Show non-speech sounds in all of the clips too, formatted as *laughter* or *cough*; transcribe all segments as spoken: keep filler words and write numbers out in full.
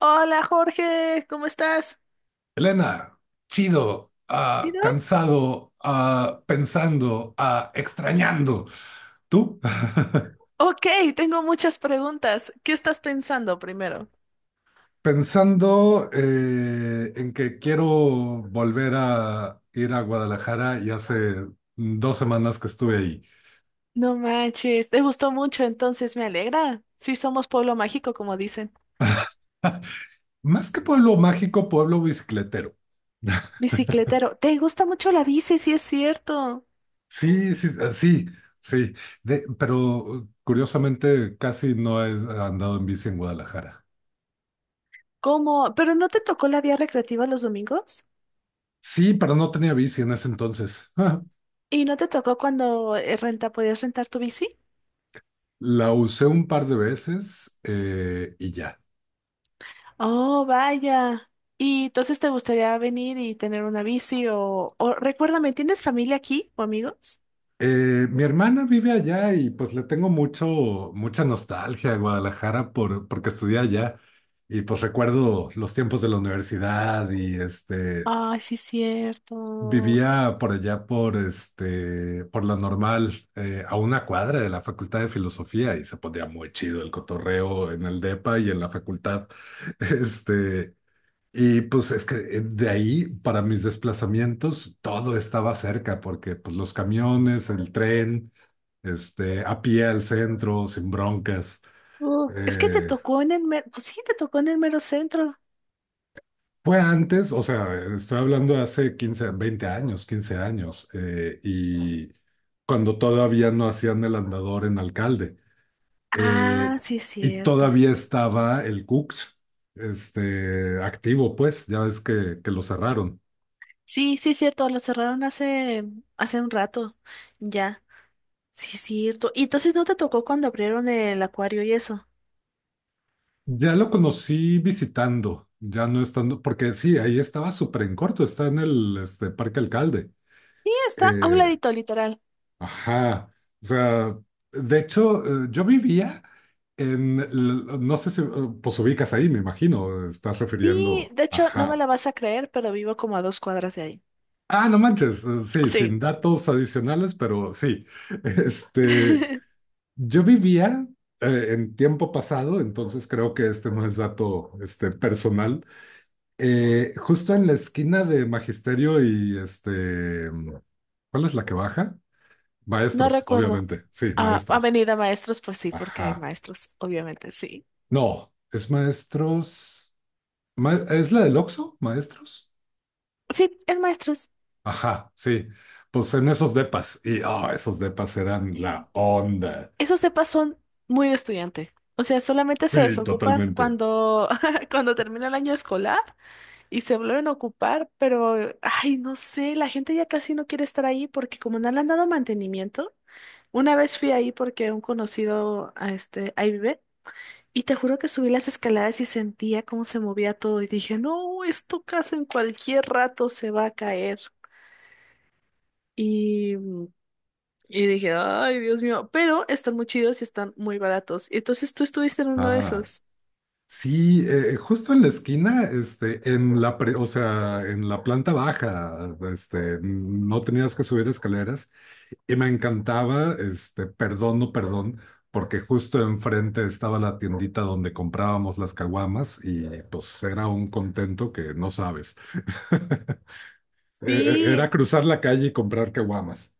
Hola Jorge, ¿cómo estás? Elena, chido, ¿Sí, ah, no? cansado, ah, pensando, ah, extrañando. ¿Tú? *laughs* Ok, tengo muchas preguntas. ¿Qué estás pensando primero? Pensando, eh, en que quiero volver a ir a Guadalajara y hace dos semanas que estuve ahí. No manches, te gustó mucho, entonces me alegra. Sí, somos pueblo mágico, como dicen. *laughs* Más que pueblo mágico, pueblo bicicletero. *laughs* Bicicletero, ¿te gusta mucho la bici? Sí, es cierto. Sí, sí, ah, sí, sí. De- pero curiosamente casi no he andado en bici en Guadalajara. ¿Cómo? ¿Pero no te tocó la vía recreativa los domingos? Sí, pero no tenía bici en ese entonces. *laughs* ¿Y no te tocó cuando eh, renta, podías rentar tu bici? La usé un par de veces eh, y ya. Oh, vaya. ¿Y entonces te gustaría venir y tener una bici o, o recuérdame, ¿tienes familia aquí o amigos? Eh, mi hermana vive allá y pues le tengo mucho, mucha nostalgia a Guadalajara por, porque estudié allá y pues recuerdo los tiempos de la universidad y este, Ay, sí, cierto. vivía por allá por, este, por la normal, eh, a una cuadra de la Facultad de Filosofía, y se ponía muy chido el cotorreo en el DEPA y en la facultad. *laughs* Este, Y pues es que eh, de ahí, para mis desplazamientos, todo estaba cerca, porque pues los camiones, el tren, este, a pie al centro, sin broncas. Uf, es que te Eh, tocó en el mero, pues sí, te tocó en el mero centro. Fue antes, o sea, estoy hablando de hace quince veinte años, quince años, eh, y cuando todavía no hacían el andador en Alcalde, Ah, eh, sí, es y cierto. todavía estaba el Cux, este, activo, pues, ya ves que, que lo cerraron. Sí, sí, es cierto, lo cerraron hace, hace un rato, ya. Sí, es cierto. Y entonces no te tocó cuando abrieron el acuario y eso. Ya lo conocí visitando, ya no estando, porque sí, ahí estaba súper en corto, está en el este, Parque Alcalde. Sí, está a un Eh, ladito, literal. ajá, o sea, de hecho, eh, yo vivía en, l- no sé si, eh, pues ubicas ahí, me imagino, estás Sí, refiriendo, de hecho, no me ajá. la vas a creer, pero vivo como a dos cuadras de ahí. Ah, no manches, eh, sí, Sí. sin datos adicionales, pero sí. *laughs* este, *laughs* yo vivía, eh, en tiempo pasado, entonces creo que este no es dato, este, personal. Eh, justo en la esquina de Magisterio y este, ¿cuál es la que baja? No Maestros, recuerdo. obviamente. Sí, Ah, maestros. Avenida Maestros, pues sí, porque hay Ajá. maestros, obviamente, sí. No, es maestros. Ma- ¿es la del Oxxo? Maestros. Sí, es maestros. Ajá, sí. Pues en esos depas. Y, ah, esos depas eran la onda. Esos cepas son muy de estudiante. O sea, solamente se Sí, desocupan totalmente. cuando, *laughs* cuando termina el año escolar y se vuelven a ocupar, pero, ay, no sé, la gente ya casi no quiere estar ahí porque como no le han dado mantenimiento, una vez fui ahí porque un conocido, a este, ahí vive, y te juro que subí las escaleras y sentía cómo se movía todo y dije, no, esto casi en cualquier rato se va a caer. Y... mm, Y dije, ay, Dios mío, pero están muy chidos y están muy baratos. Y entonces tú estuviste en uno de Ah. esos. Sí, eh, justo en la esquina, este, en la pre- o sea, en la planta baja, este, no tenías que subir escaleras. Y me encantaba, este, perdón, no perdón, porque justo enfrente estaba la tiendita donde comprábamos las caguamas y pues era un contento que no sabes. *laughs* Eh, Era Sí, cruzar la calle y comprar caguamas.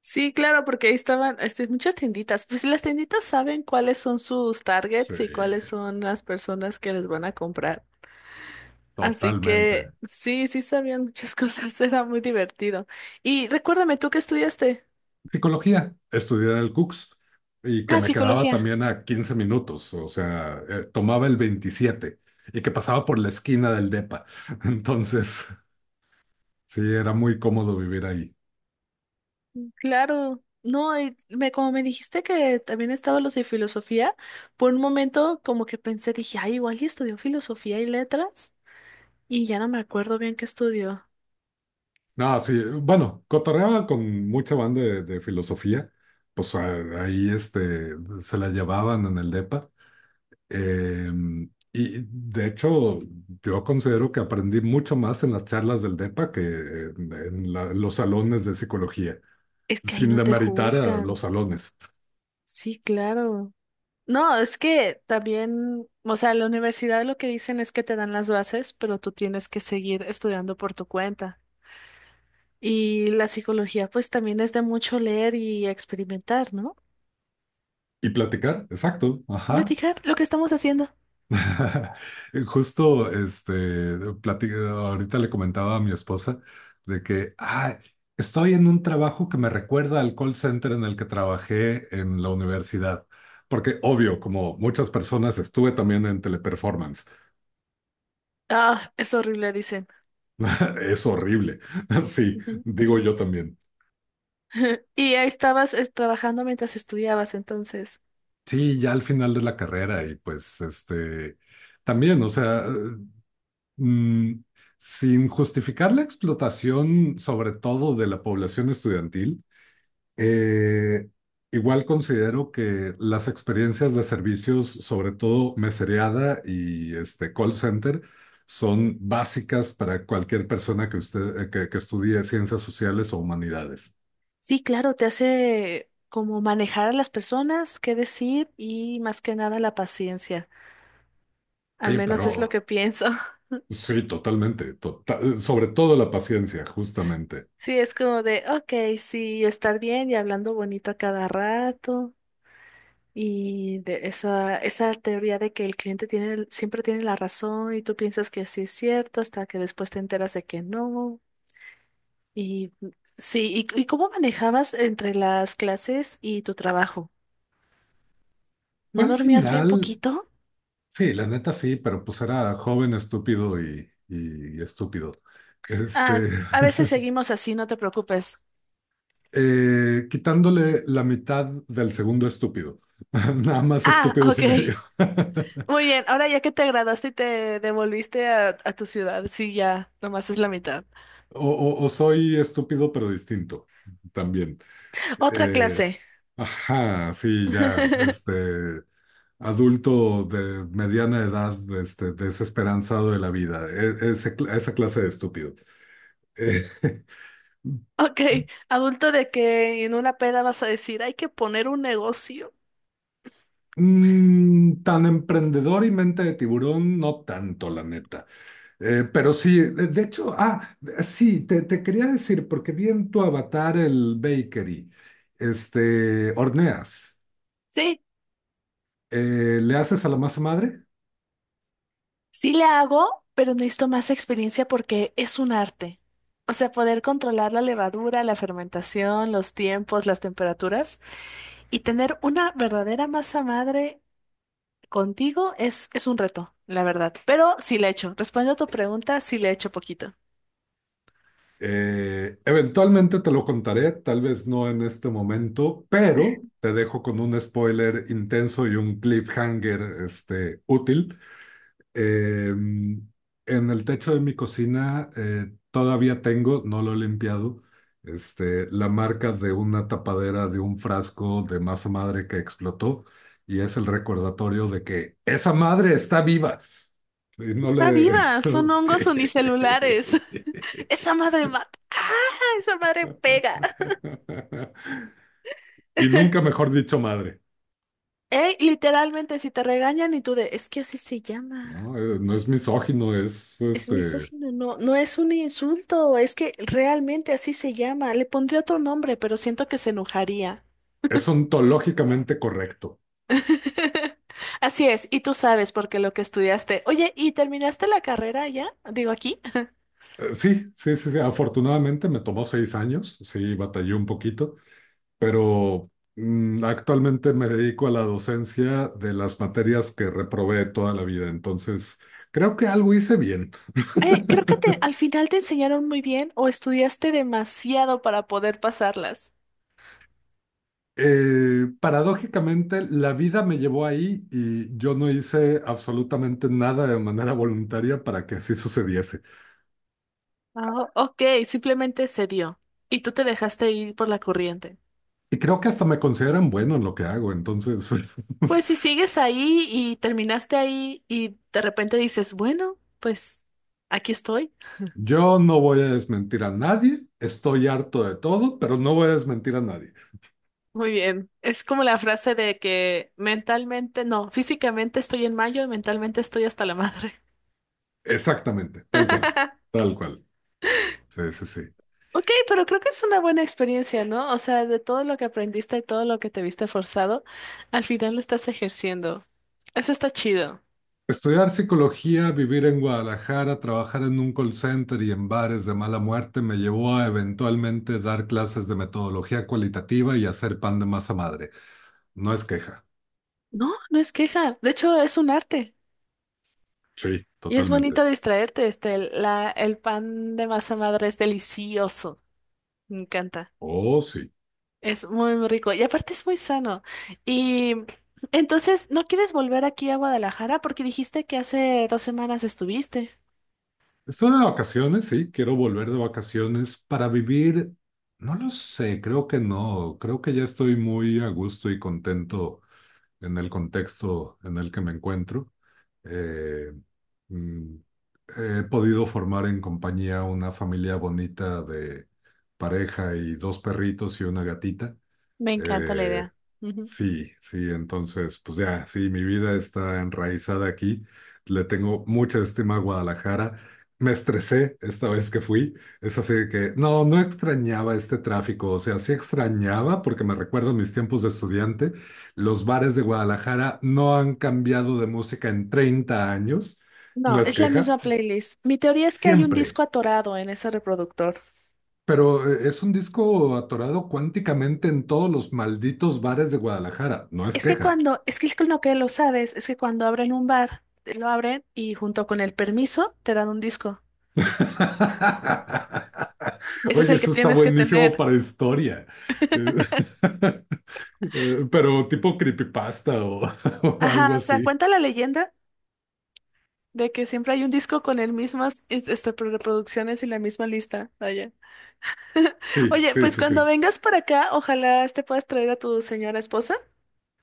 sí, claro, porque ahí estaban este, muchas tienditas. Pues las tienditas saben cuáles son sus Sí, targets y cuáles son las personas que les van a comprar. Así que totalmente. sí, sí sabían muchas cosas, *laughs* era muy divertido. Y recuérdame, ¿tú qué estudiaste? Psicología, estudié en el Cux y que Ah, me quedaba psicología. también a quince minutos, o sea, eh, tomaba el veintisiete y que pasaba por la esquina del DEPA. *laughs* Entonces, sí, era muy cómodo vivir ahí. Claro, no, y me, como me dijiste que también estaba los de filosofía, por un momento como que pensé, dije, ay, igual y estudió filosofía y letras, y ya no me acuerdo bien qué estudió. No, sí, bueno, cotorreaba con mucha banda de, de filosofía, pues a- ahí, este, se la llevaban en el DEPA. eh, y de hecho, yo considero que aprendí mucho más en las charlas del DEPA que en, en la- los salones de psicología, Es que ahí sin no te demeritar a juzgan. los salones. Sí, claro. No, es que también, o sea, la universidad lo que dicen es que te dan las bases, pero tú tienes que seguir estudiando por tu cuenta. Y la psicología, pues también es de mucho leer y experimentar, ¿no? Y platicar, exacto, ajá. Platicar lo que estamos haciendo. *laughs* Justo, este, plati- ahorita le comentaba a mi esposa de que: "Ah, estoy en un trabajo que me recuerda al call center en el que trabajé en la universidad. Porque, obvio, como muchas personas, estuve también en teleperformance." Ah, es horrible, dicen. *laughs* Es horrible. *laughs* Sí, digo yo también. *laughs* Y ahí estabas es, trabajando mientras estudiabas, entonces. Sí, ya al final de la carrera y pues, este, también, o sea, mm, sin justificar la explotación, sobre todo de la población estudiantil. Eh, Igual considero que las experiencias de servicios, sobre todo mesereada y este call center, son básicas para cualquier persona, que usted, eh, que, que estudie ciencias sociales o humanidades. Sí, claro, te hace como manejar a las personas, qué decir y más que nada la paciencia. Al Oye, menos es lo que pero pienso. *laughs* sí, totalmente, tota- sobre todo la paciencia, justamente. Sí, es como de, ok, sí, estar bien y hablando bonito a cada rato. Y de esa, esa teoría de que el cliente tiene, el- siempre tiene la razón y tú piensas que sí es cierto hasta que después te enteras de que no. Y sí, ¿y, y cómo manejabas entre las clases y tu trabajo? ¿No Bueno, al dormías bien final, poquito? sí, la neta sí, pero pues era joven, estúpido y, y estúpido. Ah, Este, a veces *laughs* seguimos así, no te preocupes. Eh, quitándole la mitad del segundo estúpido. *laughs* Nada más Ah, estúpidos ok. y medio. *laughs* Muy bien, ahora ya que te graduaste y te devolviste a, a tu ciudad, sí, ya, nomás es la mitad. O, o- o soy estúpido pero distinto también. Otra Eh, clase. ajá, sí, ya, *laughs* este, adulto de mediana edad, este, desesperanzado de la vida, e- ese cl- esa clase de estúpido. Eh, Ok, adulto de que en una peda vas a decir, hay que poner un negocio. *laughs* Mm, tan emprendedor y mente de tiburón, no tanto, la neta. Eh, pero sí, de, de hecho, ah, de- sí, te, te quería decir, porque vi en tu avatar el bakery, este, horneas, Sí, eh, ¿le haces a la masa madre? sí le hago, pero necesito más experiencia porque es un arte. O sea, poder controlar la levadura, la fermentación, los tiempos, las temperaturas y tener una verdadera masa madre contigo es, es un reto, la verdad. Pero sí le echo. Respondiendo a tu pregunta, sí le echo poquito. Eh, eventualmente te lo contaré, tal vez no en este momento, pero te dejo con un spoiler intenso y un cliffhanger, este, útil. Eh, en el techo de mi cocina, eh, todavía tengo, no lo he limpiado, este, la marca de una tapadera de un frasco de masa madre que explotó, y es el recordatorio de que esa madre está viva. Y no Está le... viva, *laughs* son Sí. hongos unicelulares. *laughs* Esa madre mata. ¡Ah! Esa madre pega. Y nunca *laughs* mejor dicho madre. Ey, literalmente, si te regañan y tú de, es que así se llama. No. Eh, no es misógino, es, Es este, misógino, no, no es un insulto, es que realmente así se llama. Le pondría otro nombre, pero siento que se enojaría. es ontológicamente correcto. *laughs* Así es, y tú sabes porque lo que estudiaste. Oye, ¿y terminaste la carrera ya? Digo aquí. Eh, Sí, sí, sí, sí. Afortunadamente me tomó seis años, sí, batallé un poquito, pero mm, actualmente me dedico a la docencia de las materias que reprobé toda la vida, entonces creo que algo hice bien. Eh, creo que te- al final te enseñaron muy bien o estudiaste demasiado para poder pasarlas. Eh, paradójicamente, la vida me llevó ahí y yo no hice absolutamente nada de manera voluntaria para que así sucediese. Ah, ok, simplemente se dio y tú te dejaste ir por la corriente. Y creo que hasta me consideran bueno en lo que hago, entonces. Pues si *laughs* sigues ahí y terminaste ahí y de repente dices, bueno, pues aquí estoy. Yo no voy a desmentir a nadie, estoy harto de todo, pero no voy a desmentir a nadie. Muy bien. Es como la frase de que mentalmente, no, físicamente estoy en mayo y mentalmente estoy hasta la madre. Exactamente, tal cual, *laughs* tal cual. Sí, sí, sí. Ok, pero creo que es una buena experiencia, ¿no? O sea, de todo lo que aprendiste y todo lo que te viste forzado, al final lo estás ejerciendo. Eso está chido. Estudiar psicología, vivir en Guadalajara, trabajar en un call center y en bares de mala muerte me llevó a eventualmente dar clases de metodología cualitativa y hacer pan de masa madre. No es queja. No, no es queja. De hecho, es un arte. Sí, Y es bonito totalmente. distraerte. Este, el- la, el pan de masa madre es delicioso. Me encanta. Oh, sí. Es muy, muy rico. Y aparte es muy sano. Y entonces, ¿no quieres volver aquí a Guadalajara? Porque dijiste que hace dos semanas estuviste. Estoy de vacaciones, sí, quiero volver de vacaciones para vivir, no lo sé, creo que no, creo que ya estoy muy a gusto y contento en el contexto en el que me encuentro. Eh, mm, He podido formar en compañía una familia bonita de pareja y dos perritos y una gatita. Me encanta la Eh, idea. Sí, sí, entonces, pues ya, sí, mi vida está enraizada aquí. Le tengo mucha estima a Guadalajara. Me estresé esta vez que fui. Es así de que no, no extrañaba este tráfico. O sea, sí extrañaba porque me recuerdo mis tiempos de estudiante. Los bares de Guadalajara no han cambiado de música en treinta años. No No, es es la queja, misma playlist. Mi teoría es que hay un siempre. disco atorado en ese reproductor. Pero eh, es un disco atorado cuánticamente en todos los malditos bares de Guadalajara. No es Es que queja. cuando, es que lo que lo sabes, es que cuando abren un bar, te lo abren y junto con el permiso te dan un disco. *laughs* Ese es Oye, el que eso está tienes que buenísimo tener. para historia. Eh, *laughs* eh, Pero tipo creepypasta o, *laughs* o algo Ajá, o sea, así. cuenta la leyenda de que siempre hay un disco con el mismas es- este, pro- reproducciones y la misma lista. Vaya. *laughs* Sí, Oye, sí, pues sí, sí. cuando vengas para acá, ojalá te puedas traer a tu señora esposa.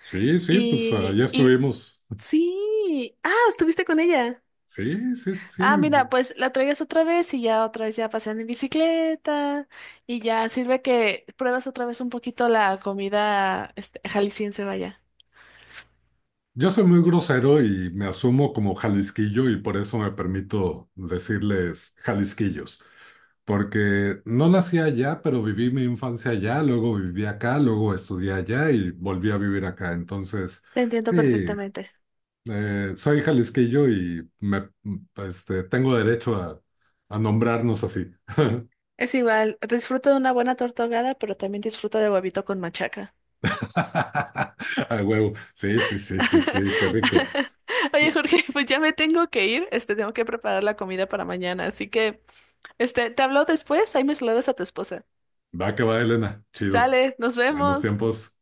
Sí, sí, pues ah, Y, ya y estuvimos. sí. Ah, estuviste con ella. Sí, sí, sí, Ah, sí. mira, pues la traigas otra vez y ya otra vez ya pasean en bicicleta y ya sirve que pruebas otra vez un poquito la comida este, jalisciense, vaya. Yo soy muy grosero y me asumo como jalisquillo y por eso me permito decirles jalisquillos. Porque no nací allá, pero viví mi infancia allá, luego viví acá, luego estudié allá y volví a vivir acá. Entonces, Te entiendo sí, perfectamente. eh, soy jalisquillo y me, este, tengo derecho a, a nombrarnos así. Es igual, disfruto de una buena torta ahogada, pero también disfruto de huevito con machaca. *laughs* A huevo. Sí, sí, sí, sí, sí, qué rico. *laughs* Oye, Jorge, pues ya me tengo que ir, este, tengo que preparar la comida para mañana, así que Este, te hablo después, ahí me saludas a tu esposa. Va que va, Elena. Chido. Sale, nos Buenos vemos. tiempos.